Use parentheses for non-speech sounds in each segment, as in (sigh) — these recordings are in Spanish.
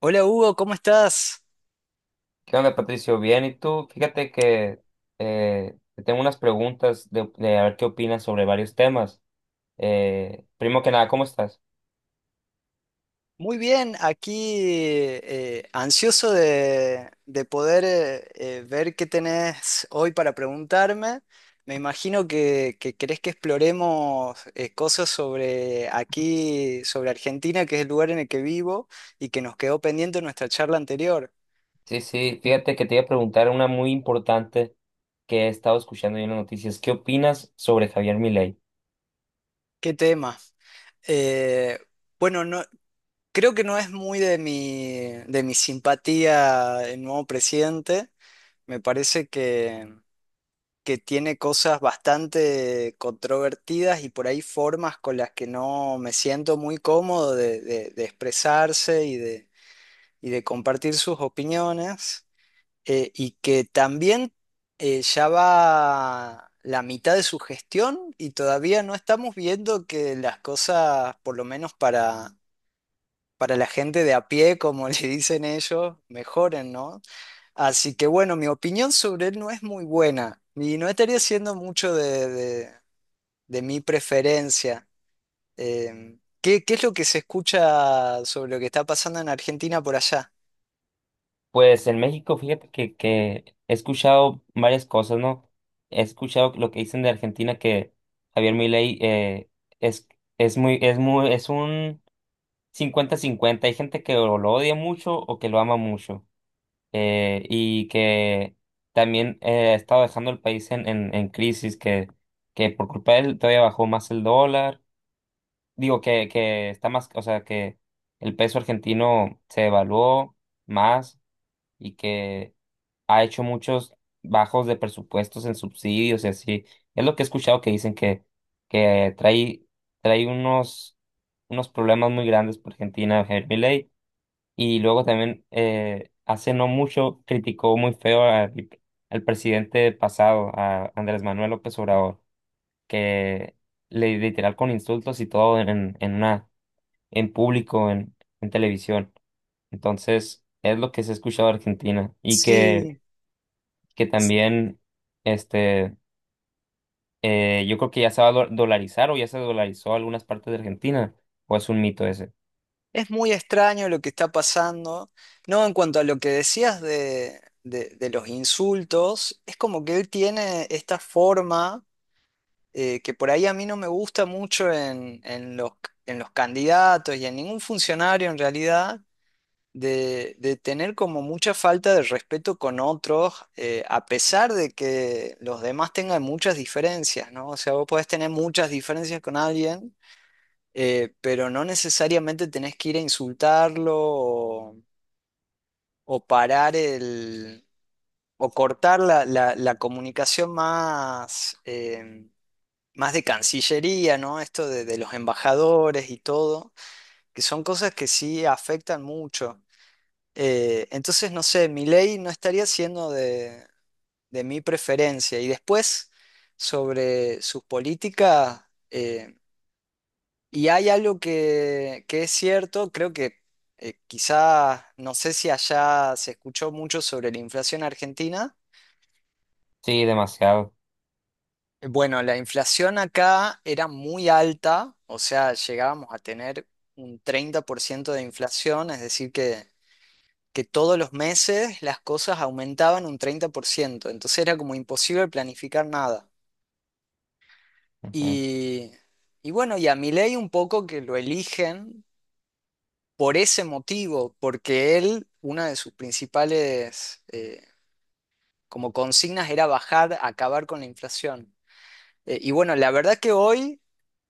Hola Hugo, ¿cómo estás? ¿Qué onda, Patricio? Bien, ¿y tú? Fíjate que te tengo unas preguntas de a ver qué opinas sobre varios temas. Primero que nada, ¿cómo estás? Muy bien, aquí ansioso de poder ver qué tenés hoy para preguntarme. Me imagino que querés que exploremos cosas sobre aquí, sobre Argentina, que es el lugar en el que vivo y que nos quedó pendiente en nuestra charla anterior. Sí, sí, fíjate que te iba a preguntar una muy importante que he estado escuchando yo en las noticias. ¿Qué opinas sobre Javier Milei? ¿Qué tema? Eh, bueno, no, creo que no es muy de mi simpatía el nuevo presidente. Me parece que tiene cosas bastante controvertidas y por ahí formas con las que no me siento muy cómodo de expresarse y de compartir sus opiniones, y que también ya va la mitad de su gestión y todavía no estamos viendo que las cosas, por lo menos para la gente de a pie, como (laughs) le dicen ellos, mejoren, ¿no? Así que bueno, mi opinión sobre él no es muy buena y no estaría siendo mucho de mi preferencia. ¿Qué es lo que se escucha sobre lo que está pasando en Argentina por allá? Pues en México, fíjate que he escuchado varias cosas, ¿no? He escuchado lo que dicen de Argentina que Javier Milei es, es un 50/50. Hay gente que o lo odia mucho o que lo ama mucho. Y que también ha estado dejando el país en crisis, que por culpa de él todavía bajó más el dólar. Digo que está más, o sea, que el peso argentino se evaluó más y que ha hecho muchos bajos de presupuestos en subsidios y así. Es lo que he escuchado que dicen que trae unos problemas muy grandes por Argentina, Javier Milei, y luego también, hace no mucho, criticó muy feo al presidente pasado, a Andrés Manuel López Obrador, que le literal con insultos y todo en público, en televisión. Entonces, es lo que se ha escuchado de Argentina. Y Sí, que también, este, yo creo que ya se va a dolarizar o ya se dolarizó algunas partes de Argentina, o es un mito ese. es muy extraño lo que está pasando. No, en cuanto a lo que decías de los insultos, es como que él tiene esta forma que por ahí a mí no me gusta mucho en los candidatos y en ningún funcionario en realidad, de tener como mucha falta de respeto con otros, a pesar de que los demás tengan muchas diferencias, ¿no? O sea, vos podés tener muchas diferencias con alguien, pero no necesariamente tenés que ir a insultarlo o parar el... o cortar la comunicación más de Cancillería, ¿no? Esto de los embajadores y todo, que son cosas que sí afectan mucho. Entonces, no sé, mi ley no estaría siendo de mi preferencia. Y después, sobre sus políticas, eh, y hay algo que es cierto, creo que quizá, no sé si allá se escuchó mucho sobre la inflación argentina. Sí, demasiado. Bueno, la inflación acá era muy alta, o sea, llegábamos a tener un 30% de inflación, es decir, que todos los meses las cosas aumentaban un 30%. Entonces era como imposible planificar nada. Y, y bueno, y a Milei un poco que lo eligen por ese motivo, porque él, una de sus principales como consignas, era bajar, acabar con la inflación. Y bueno, la verdad que hoy,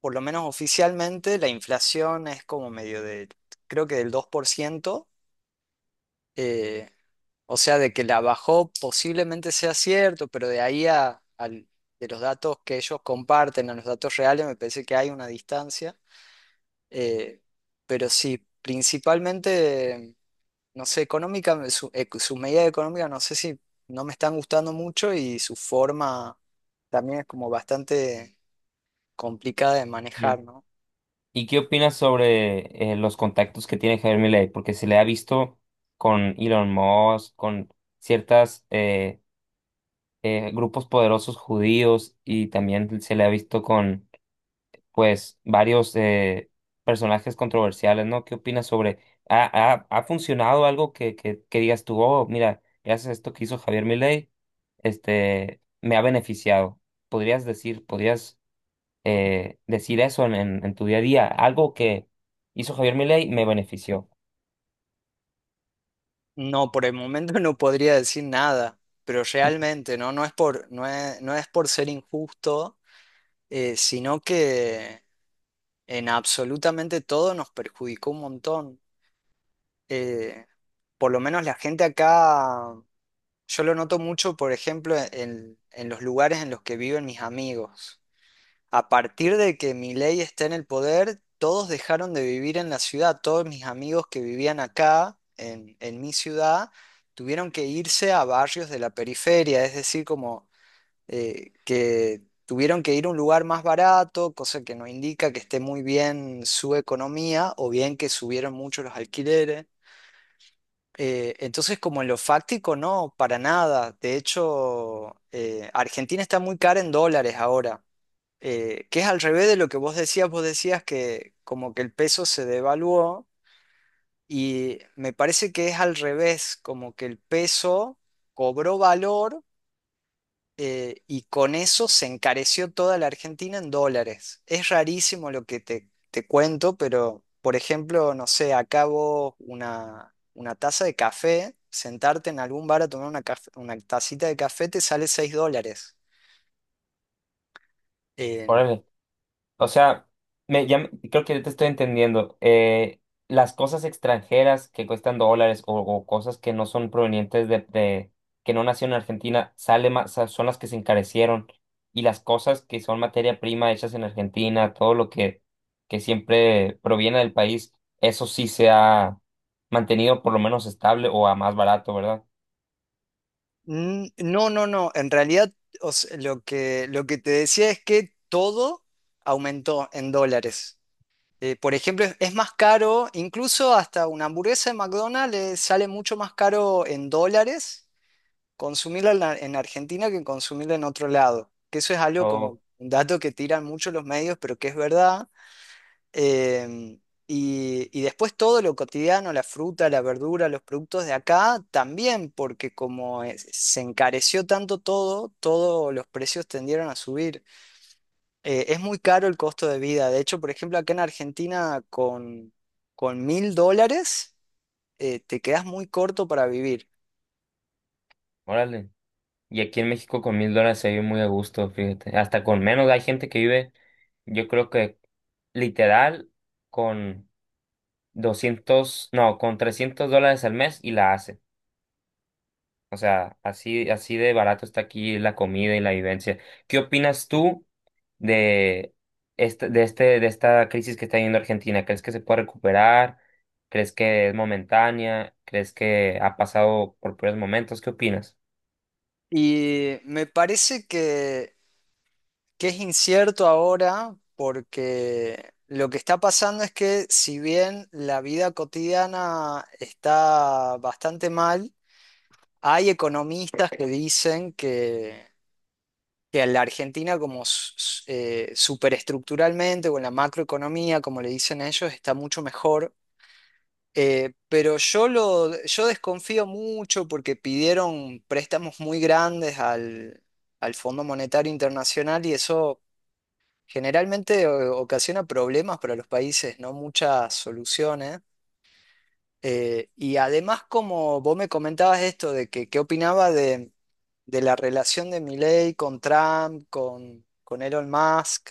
por lo menos oficialmente, la inflación es como medio creo que del 2%. eh, o sea, de que la bajó posiblemente sea cierto, pero de ahí de los datos que ellos comparten a los datos reales, me parece que hay una distancia. eh, pero sí, principalmente, no sé, económica, sus medidas económicas, no sé, si no me están gustando mucho. Y su forma también es como bastante complicada de manejar, Ujú. ¿no? ¿Y qué opinas sobre los contactos que tiene Javier Milei? Porque se le ha visto con Elon Musk, con ciertas grupos poderosos judíos y también se le ha visto con, pues, varios personajes controversiales, ¿no? ¿Qué opinas sobre? ¿Ha, ha funcionado algo que digas tú, oh, mira, gracias a esto que hizo Javier Milei, me ha beneficiado? Podrías decir eso en tu día a día? Algo que hizo Javier Milei me benefició. No, por el momento (laughs) no podría decir nada, pero realmente no, no es por, no es, no es por ser injusto, sino que en absolutamente todo nos perjudicó un montón. Eh, por lo menos la gente acá, yo lo noto mucho, por ejemplo, en los lugares en los que viven mis amigos. A partir de que Milei está en el poder, todos dejaron de vivir en la ciudad. Todos mis amigos que vivían acá, en mi ciudad, tuvieron que irse a barrios de la periferia, es decir, como que tuvieron que ir a un lugar más barato, cosa que no indica que esté muy bien su economía, o bien que subieron mucho los alquileres. Entonces, como en lo fáctico, no, para nada. De hecho, Argentina está muy cara en dólares ahora, que es al revés de lo que Vos decías, que como que el peso se devaluó, y me parece que es al revés, como que el peso cobró valor, y con eso se encareció toda la Argentina en dólares. Es rarísimo lo que te cuento, pero por ejemplo, no sé, acabo una taza de café, sentarte en algún bar a tomar una tacita de café te sale $6. Órale. O sea, creo que te estoy entendiendo. Las cosas extranjeras que cuestan dólares o cosas que no son provenientes que no nacieron en Argentina, sale más, son las que se encarecieron. Y las cosas que son materia prima hechas en Argentina, todo que siempre proviene del país, eso sí se ha mantenido por lo menos estable o a más barato, ¿verdad? Mm. No, no, no. En realidad, o sea, lo que te decía es que todo aumentó en dólares. Por ejemplo, es más caro, incluso hasta una hamburguesa de McDonald's sale mucho más caro en dólares consumirla en Argentina que consumirla en otro lado. Que eso es algo No. como un dato que tiran mucho los medios, pero que es verdad. Em, y después, todo lo cotidiano, la fruta, la verdura, los productos de acá, también, porque como se encareció tanto todo, todos los precios tendieron a subir. Es muy caro el costo de vida. De hecho, por ejemplo, acá en Argentina, con $1000 te quedas muy corto para vivir. Órale. Y aquí en México con $1,000 se vive muy a gusto, fíjate. Hasta con menos hay gente que vive, yo creo que literal con 200, no, con $300 al mes y la hace. O sea, así, así de barato está aquí la comida y la vivencia. ¿Qué opinas tú de de esta crisis que está viviendo Argentina? ¿Crees que se puede recuperar? ¿Crees que es momentánea? ¿Crees que ha pasado por peores momentos? ¿Qué opinas? Y me parece que es incierto ahora, porque lo que está pasando es que, si bien la vida cotidiana está bastante mal, hay economistas que dicen que a la Argentina como superestructuralmente, o en la macroeconomía, como le dicen ellos, está mucho mejor. Pero yo desconfío mucho porque pidieron préstamos muy grandes al Fondo Monetario Internacional, y eso generalmente ocasiona problemas para los países, no muchas soluciones. Y además, como vos me comentabas, esto de que qué opinaba de la relación de Milei con Trump, con Elon Musk,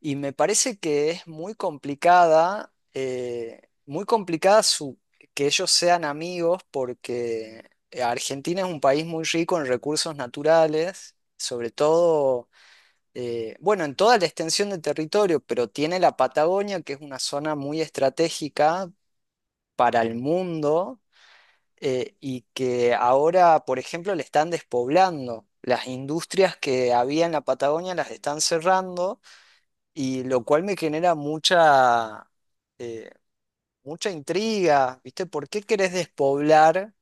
y me parece que es muy complicada que ellos sean amigos, porque Argentina es un país muy rico en recursos naturales, sobre todo, bueno, en toda la extensión de territorio. Pero tiene la Patagonia, que es una zona muy estratégica para el mundo, y que ahora, por ejemplo, le están despoblando. Las industrias que había en la Patagonia las están cerrando, y lo cual me genera eh, mucha intriga. ¿Viste? ¿Por qué querés despoblar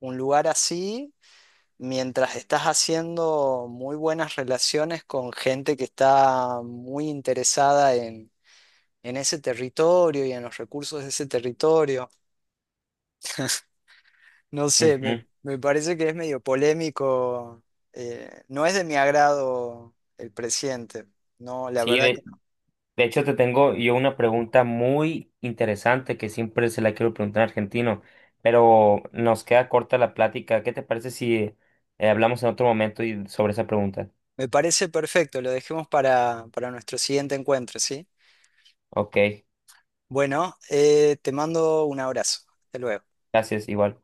un lugar así mientras estás haciendo muy buenas relaciones con gente que está muy interesada en ese territorio y en los recursos de ese territorio? No sé, me, Ujú. me parece que es medio polémico. No es de mi agrado el presidente. No, la Sí, verdad que de no. De hecho, te tengo yo una pregunta muy interesante que siempre se la quiero preguntar a un argentino, pero nos queda corta la plática. ¿Qué te parece si hablamos en otro momento y sobre esa pregunta? Me parece perfecto, lo dejemos para nuestro siguiente encuentro, ¿sí? Ok, Bueno, te mando un abrazo. Hasta luego. gracias, igual.